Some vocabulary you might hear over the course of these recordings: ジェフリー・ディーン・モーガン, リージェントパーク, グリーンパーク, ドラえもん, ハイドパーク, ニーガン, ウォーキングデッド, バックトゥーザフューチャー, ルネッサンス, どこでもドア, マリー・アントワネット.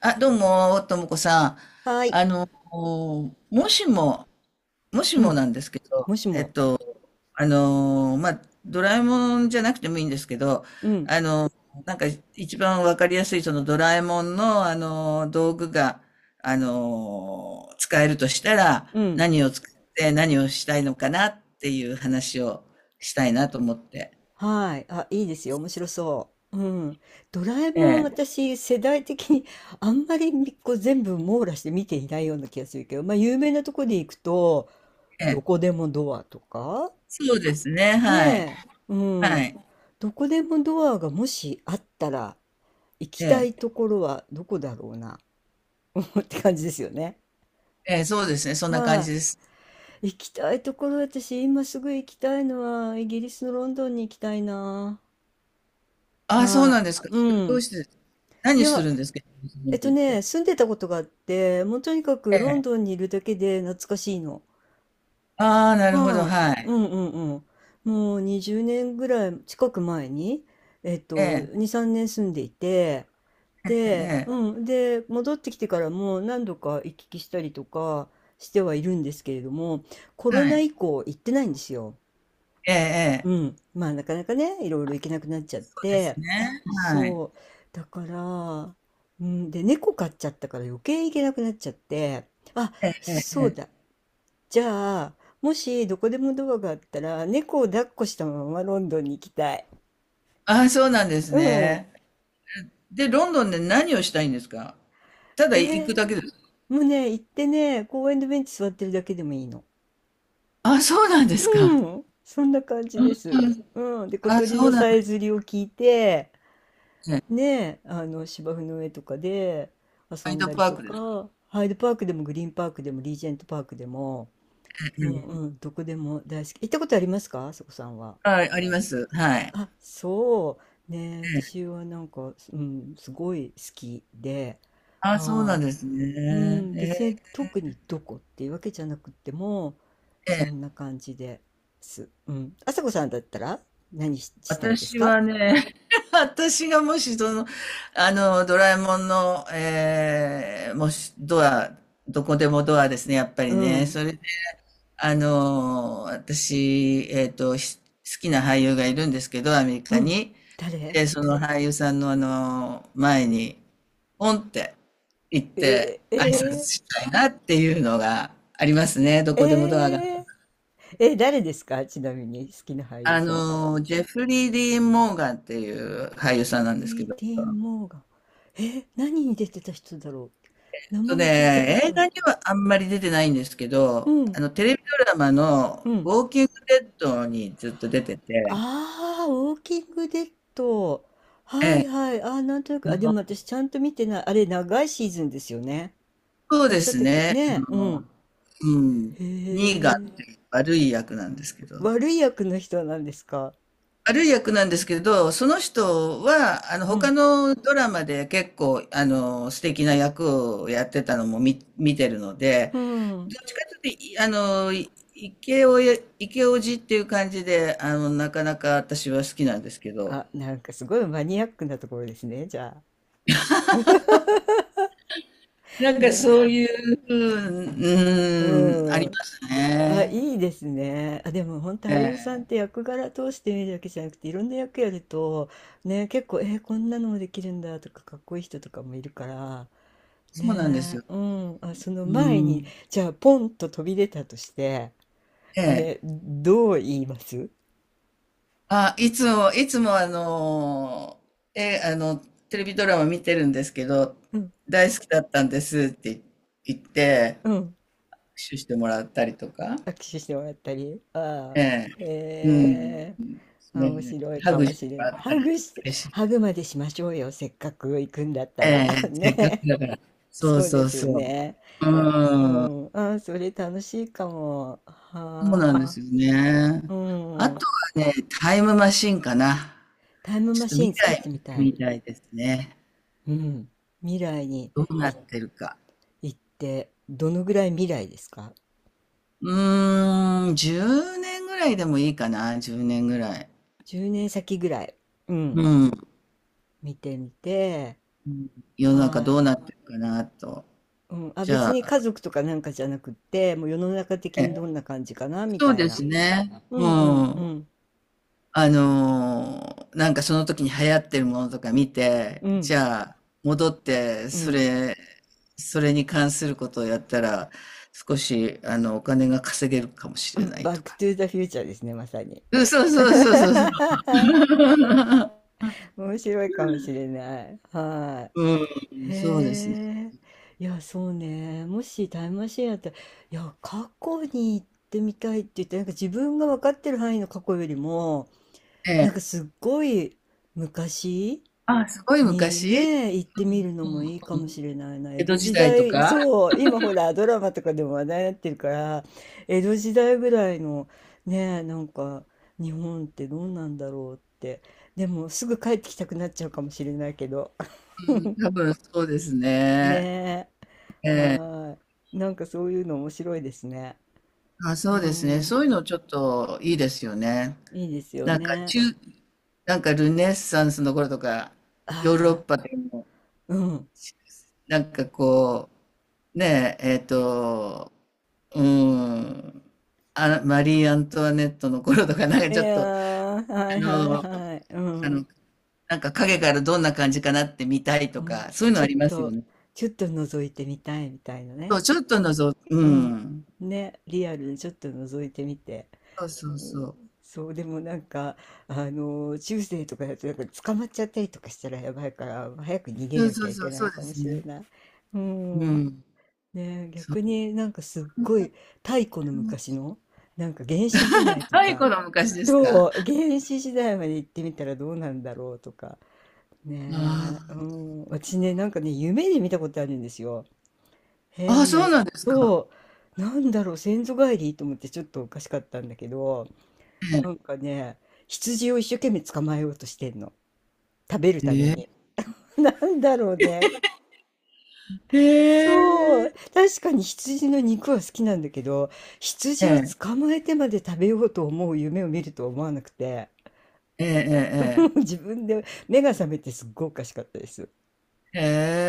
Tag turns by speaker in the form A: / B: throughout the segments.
A: あ、どうも、ともこさん。
B: はい。
A: もしも、もし
B: う
A: も
B: ん、
A: なんですけど、
B: もし
A: えっ
B: も、
A: と、まあ、ドラえもんじゃなくてもいいんですけど、
B: うん、
A: あの、なんか一番わかりやすいそのドラえもんの、道具が、使えるとしたら、
B: うん、
A: 何を使って何をしたいのかなっていう話をしたいなと思って。
B: はい。あ、いいですよ、面白そう。うん。ドラえ
A: え
B: もん、
A: え、
B: 私、世代的にあんまりみこう全部網羅して見ていないような気がするけど、まあ、有名なとこで行くと、
A: え
B: ど
A: え、
B: こでもドアとか、
A: そうですね、
B: ね
A: はい。
B: え、う
A: は
B: ん。
A: い。
B: どこでもドアがもしあったら、行きた
A: え
B: い
A: え、
B: ところはどこだろうな、って感じですよね。
A: ええ、そうですね、そんな感
B: は
A: じです。
B: い。行きたいところ、私今すぐ行きたいのは、イギリスのロンドンに行きたいな。
A: あ、そう
B: は
A: なんですか。
B: い。う
A: どう
B: ん。
A: してです？
B: い
A: 何をす
B: や、
A: るんですか、日本と言って。
B: 住んでたことがあって、もうとにかく
A: え
B: ロンド
A: え。
B: ンにいるだけで懐かしいの。
A: ああ、なるほど、
B: は
A: は
B: い。う
A: い。
B: んうんうん。もう20年ぐらい近く前に、えっ
A: え
B: と、
A: え、
B: 2、3年住んでいて、
A: え
B: で、
A: え、え
B: うん。で、戻ってきてからも何度か行き来したりとかしてはいるんですけれども、コ
A: え、
B: ロ
A: は
B: ナ
A: い。
B: 以降行ってないんですよ。
A: ええ、え
B: う
A: え。
B: ん、まあなかなかねいろいろ行けなくなっちゃっ
A: そうです
B: て
A: ね。はい。
B: そうだから、うん、で猫飼っちゃったから余計行けなくなっちゃって、あ、そうだ、じゃあもしどこでもドアがあったら猫を抱っこしたままロンドンに行きたい。
A: ああ、そうなんです
B: うん。
A: ね。で、ロンドンで何をしたいんですか？ただ
B: え
A: 行
B: ー、
A: くだけですか？
B: もうね行ってね公園のベンチ座ってるだけでもいいの。
A: ああ、そうなんですか。
B: うん、そんな感じ
A: う
B: です。
A: ん。
B: うん、で小
A: ああ、
B: 鳥
A: そう
B: の
A: なん
B: さ
A: で
B: えずりを聞いて
A: すね。
B: ねえ、あの芝生の上とかで遊
A: ハイ
B: ん
A: ド
B: だり
A: パー
B: と
A: クですか？
B: か、ハイドパークでもグリーンパークでもリージェントパークでも、
A: う
B: うん
A: ん、
B: うん、どこでも大好き。行ったことありますか、あそこさんは。
A: はい、あります。はい。
B: あ、そう。ねえ、
A: え
B: 私
A: え。
B: はなんか、うん、すごい好きで、
A: ああ、そうな
B: は
A: んです
B: い、うん、別
A: ね。
B: に特にどこっていうわけじゃなくても、
A: え
B: そん
A: え。
B: な感じです。うん。あさこさんだったらしたいです
A: 私
B: か？
A: はね、私がもしその、ドラえもんの、えー、もし、ドア、どこでもドアですね、やっぱ
B: う
A: りね。
B: ん、
A: それで、私、し好きな俳優がいるんですけど、アメリ
B: う
A: カ
B: ん。
A: に。
B: 誰
A: で、その俳優さんの前に、ポンって行って
B: えー、
A: 挨拶
B: えー
A: したいなっていうのがありますね、ど
B: え
A: こでもドアが。
B: ええ、誰ですか、ちなみに好きな俳優さんって。
A: ジェフリー・ディーン・モーガンっていう俳
B: ジェ
A: 優さんな
B: フ
A: んですけ
B: リー・
A: ど、
B: ディーン・モーガン。え、何に出てた人だろう、名
A: とね、
B: 前聞いたこと
A: 映
B: ある
A: 画
B: か
A: にはあんまり出てないんですけ
B: な。
A: ど、
B: うん、
A: テレビドラマの
B: うん。
A: ウォーキングデッドにずっと出てて、
B: ああ、ウォーキングデッド。は
A: え
B: い
A: え、
B: はい。ああ、なんとなく。あ、でも私ちゃんと見てない。あれ、長いシーズンですよね。
A: そう
B: あ、違
A: で
B: っ
A: す
B: たっけ、
A: ね、
B: ねえ、うん。
A: うん、
B: へ
A: ニーガンっ
B: え。
A: ていう悪い役なんですけど。
B: 悪い役の人なんですか？
A: 悪い役なんですけど、その人は、
B: う
A: 他
B: ん。
A: のドラマで結構、素敵な役をやってたのも見てるので、
B: う
A: ど
B: ん。
A: っちかというと、いあの、いイケオヤ、イっていう感じで、なかなか私は好きなんですけど、
B: あ、なんかすごいマニアックなところですね、じゃあ。
A: なんか
B: ね。
A: そういう、うん、うん、あり
B: うん。
A: ます
B: あ、
A: ね。
B: いいですね。あ、でも本当、
A: え
B: 俳優さんって
A: え。
B: 役柄通して見るだけじゃなくていろんな役やると、ね、結構こんなのもできるんだとか、かっこいい人とかもいるから
A: そうなんです
B: ね。
A: よ。
B: うん、あ、その
A: う
B: 前に、
A: ん。
B: じゃあポンと飛び出たとして
A: ええ。
B: ね、どう言います？
A: あ、いつもあのえ、あの、テレビドラマ見てるんですけど、
B: うん、
A: 大好きだったんですって言って、
B: うん、
A: 握手してもらったりとか、
B: 握手してもらったり、ああ、
A: ええ、うん、
B: へえ、面
A: ね、
B: 白い
A: ハ
B: か
A: グ
B: も
A: して
B: し
A: も
B: れ
A: ら
B: な
A: っ
B: い、
A: た
B: ハ
A: ら
B: グして、
A: 嬉し
B: ハ
A: い。
B: グまでしましょうよ、せっかく行くんだった
A: え
B: ら
A: え、せっかく
B: ね。
A: だから。そう
B: そうで
A: そう
B: すよ
A: そう。
B: ね。
A: う
B: う
A: ん、
B: ん。ああ、それ楽しいかも。
A: そうなんで
B: はあ。
A: すよね。
B: う
A: あ
B: ん。
A: とはね、タイムマシンかな。
B: タイム
A: ちょ
B: マ
A: っと
B: シー
A: 未
B: ン使って
A: 来
B: み
A: 見て
B: たい。
A: みたいですね。
B: うん。未来に
A: どうなっ
B: い
A: てるか。
B: 行って、どのぐらい未来ですか？
A: うーん、10年ぐらいでもいいかな、10年ぐらい。
B: 10 年先ぐらい。う
A: う
B: ん。
A: ん。う
B: 見てみて。
A: ん、世の中
B: は
A: ど
B: い。
A: うなってるかなと。
B: うん。あ、
A: じゃ
B: 別
A: あ、
B: に家族とかなんかじゃなくって、もう世の中的に
A: ね、
B: どんな感じかなみ
A: そう
B: たい
A: で
B: な。
A: すね。
B: う
A: う
B: んうんう
A: ん。
B: ん。
A: なんかその時に流行ってるものとか見て、
B: う
A: じ
B: ん。
A: ゃあ、戻って、
B: う
A: そ
B: ん。
A: れ、それに関することをやったら、少し、お金が稼げるかもしれない
B: バ
A: と
B: ック
A: か。
B: トゥーザフューチャーですね、まさに。
A: うん、そう そうそうそうそ
B: はい、
A: う。
B: 面白いかもしれない。は
A: う
B: い。
A: ん、そうですね。
B: へえ、いや、そうね。もしタイムマシンやったら、いや、過去に行ってみたいって言って、なんか自分が分かってる範囲の過去よりも、
A: え
B: な
A: え。
B: んかすっごい昔
A: あ、すごい
B: に
A: 昔、
B: ね、行ってみるの
A: う
B: もいいか
A: んう
B: も
A: ん。
B: しれないな。江
A: 江戸
B: 戸
A: 時
B: 時
A: 代と
B: 代、
A: か、
B: そう、今ほら、ドラマとかでも話題になってるから、江戸時代ぐらいのね、なんか日本ってどうなんだろうって。でも、すぐ帰ってきたくなっちゃうかもしれないけど。
A: うん、多分そうです
B: ね
A: ね。
B: え。
A: え
B: は
A: え。
B: ーい。なんかそういうの面白いですね。
A: あ、
B: う
A: そ
B: ー
A: うですね。
B: ん。
A: そういうのちょっといいですよね。
B: いいですよ
A: なんか
B: ね。
A: 中、なんかルネッサンスの頃とか、ヨーロッ
B: あ
A: パでも、
B: あ、うん。
A: なんかこう、ねえ、うん、あ、マリー・アントワネットの頃とか、なんか
B: い
A: ちょっ
B: や
A: と、あ
B: ー、はいはい
A: の、
B: はい。う
A: あ
B: ん。
A: の、なんか影からどんな感じかなって見たい
B: う
A: とか、
B: ん。
A: そういうの
B: ちょ
A: あ
B: っ
A: りますよ
B: と、
A: ね。
B: ちょっと覗いてみたいみたいな
A: そ
B: ね。
A: う、ちょっとのぞ、う
B: うん。
A: ん。
B: ね、リアルにちょっと覗いてみて。
A: そう
B: う
A: そうそ
B: ん、
A: う。
B: そうでもなんか、あの中世とかだとなんか捕まっちゃったりとかしたらやばいから早く逃げ
A: そう
B: なき
A: そ
B: ゃ
A: う
B: い
A: そ
B: け
A: う、
B: な
A: そ
B: い
A: う
B: か
A: で
B: も
A: す
B: しれ
A: ね。
B: ない。うん、
A: う
B: ねえ、
A: ん。それ
B: 逆になんかすっごい太古の
A: も
B: 昔の、なんか原始時代と
A: 若い
B: か、
A: 頃、昔です
B: そ
A: か？
B: う、原始時代まで行ってみたらどうなんだろうとか、ねえ、う
A: あ
B: ん、私ねなんかね夢で見たことあるんですよ、
A: あ。あ、
B: 変な。
A: そうなんですか。
B: そう、なんだろう、先祖返りと思ってちょっとおかしかったんだけど、なんかね、羊を一生懸命捕まえようとしてんの、食べる
A: え
B: ために。
A: え。
B: なんだろうね、
A: え
B: そう、
A: え。
B: 確かに羊の肉は好きなんだけど、
A: へ
B: 羊を
A: え。
B: 捕まえてまで食べようと思う夢を見るとは思わなくて、
A: ええ。ええ
B: も
A: え
B: う
A: え
B: 自分で目が覚めてすっごいおかしかったです。
A: え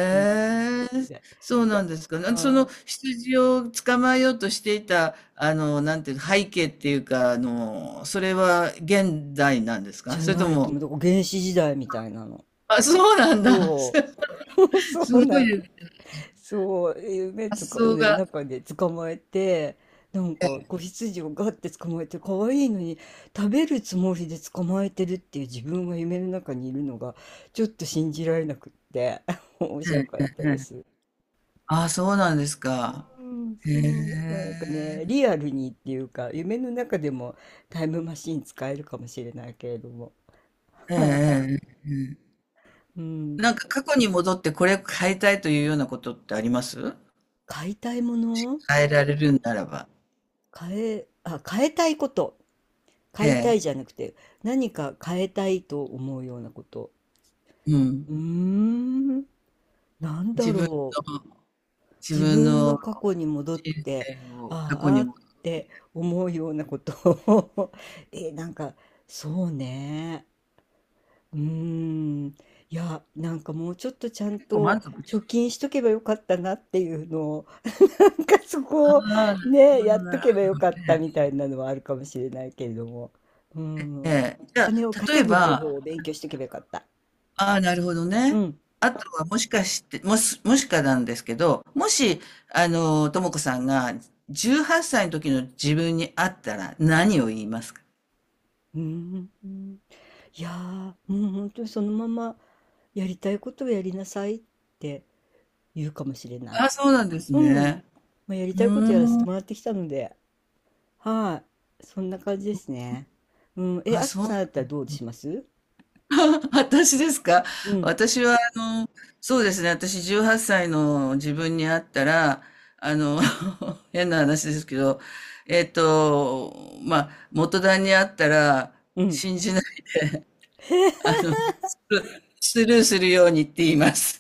A: え。へ
B: うん、
A: え。
B: で、
A: そうなんですか。
B: あ
A: なその
B: ー、
A: 羊を捕まえようとしていた、なんていう、背景っていうか、それは現代なんです
B: じ
A: か？
B: ゃ
A: それと
B: ないと
A: も、
B: 思う、だから原始時代みたいなの。
A: あ、そうなんだ。す
B: そう、そう
A: ご
B: なん
A: い
B: そう、夢
A: 発
B: つか、
A: 想
B: ね、
A: が、
B: 中で捕まえて、なんか子羊をガッて捕まえて、可愛いのに食べるつもりで捕まえてるっていう自分が夢の中にいるのが、ちょっと信じられなくって、面白
A: え
B: か
A: え。
B: ったです。
A: ああ、そうなんですか。
B: うん、そ
A: へ
B: う、なんか
A: え、
B: ね、リアルにっていうか、夢の中でもタイムマシン使えるかもしれないけれども、
A: ええ、ええ、ええ、
B: うん、
A: なんか過去に戻ってこれ変えたいというようなことってあります？
B: 買いたいもの、
A: 変えられるならば。
B: 買え、あ、変えたいこと。
A: え
B: 買いた
A: え、
B: いじゃなくて、何か変えたいと思うようなこと。
A: うん。
B: うーん、なんだ
A: 自分の、
B: ろう。
A: 自
B: 自
A: 分
B: 分の
A: の
B: 過去に戻っ
A: 人
B: て、
A: 生を過
B: あ
A: 去
B: ーあ
A: に
B: ー
A: 戻
B: っ
A: っ
B: て思うようなことを え、なんか、そうね。うーん。いや、なんかもうちょっとちゃ
A: て
B: ん
A: 結構
B: と
A: 満足し
B: 貯
A: た。
B: 金しとけばよかったなっていうのを、なんかそ
A: あ
B: こを
A: あ、なるほ
B: ね、
A: ど、
B: やっ
A: な
B: と
A: る
B: けばよかった
A: ほ
B: み
A: ど、
B: たいなのはあるかもしれないけれども。うん。お
A: ええ、じゃ
B: 金を
A: あ、例え
B: 稼ぐ方
A: ば、
B: 法を勉強しておけばよかった。
A: ああ、なるほど
B: う
A: ね。
B: ん。
A: あとはもしかして、もしかなんですけど、もし、ともこさんが18歳の時の自分に会ったら何を言いますか？
B: うん。うん、いやー、もう本当にそのままやりたいことをやりなさいって言うかもしれな
A: あ、そうなんです
B: い。うん。
A: ね。
B: まあ、やり
A: う
B: たいことやらせ
A: ー
B: て
A: ん。
B: もらってきたので、はい。そんな感じですね。うん。え、
A: あ、
B: あす
A: そ
B: こさ
A: う。
B: んだったらどうします？
A: 私ですか？
B: うん。
A: 私は、そうですね。私、18歳の自分に会ったら、あの、変な話ですけど、まあ、元旦に会ったら、
B: うん。
A: 信じない、スルーするようにって言います。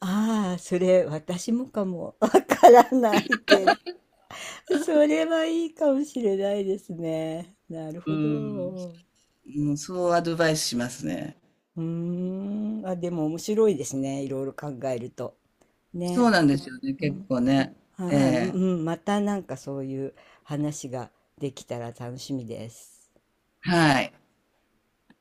B: ああ、それ私もかもわからないけ、 それはいいかもしれないですね。なる
A: う
B: ほ
A: ん。
B: ど。う
A: うん、そうアドバイスしますね。
B: ーん。あ、でも面白いですね、いろいろ考えると。
A: そ
B: ね。
A: うなんですよね。
B: う
A: 結
B: ん、
A: 構ね。え
B: はい。うん、
A: え。
B: うん、またなんかそういう話ができたら楽しみです。
A: はい。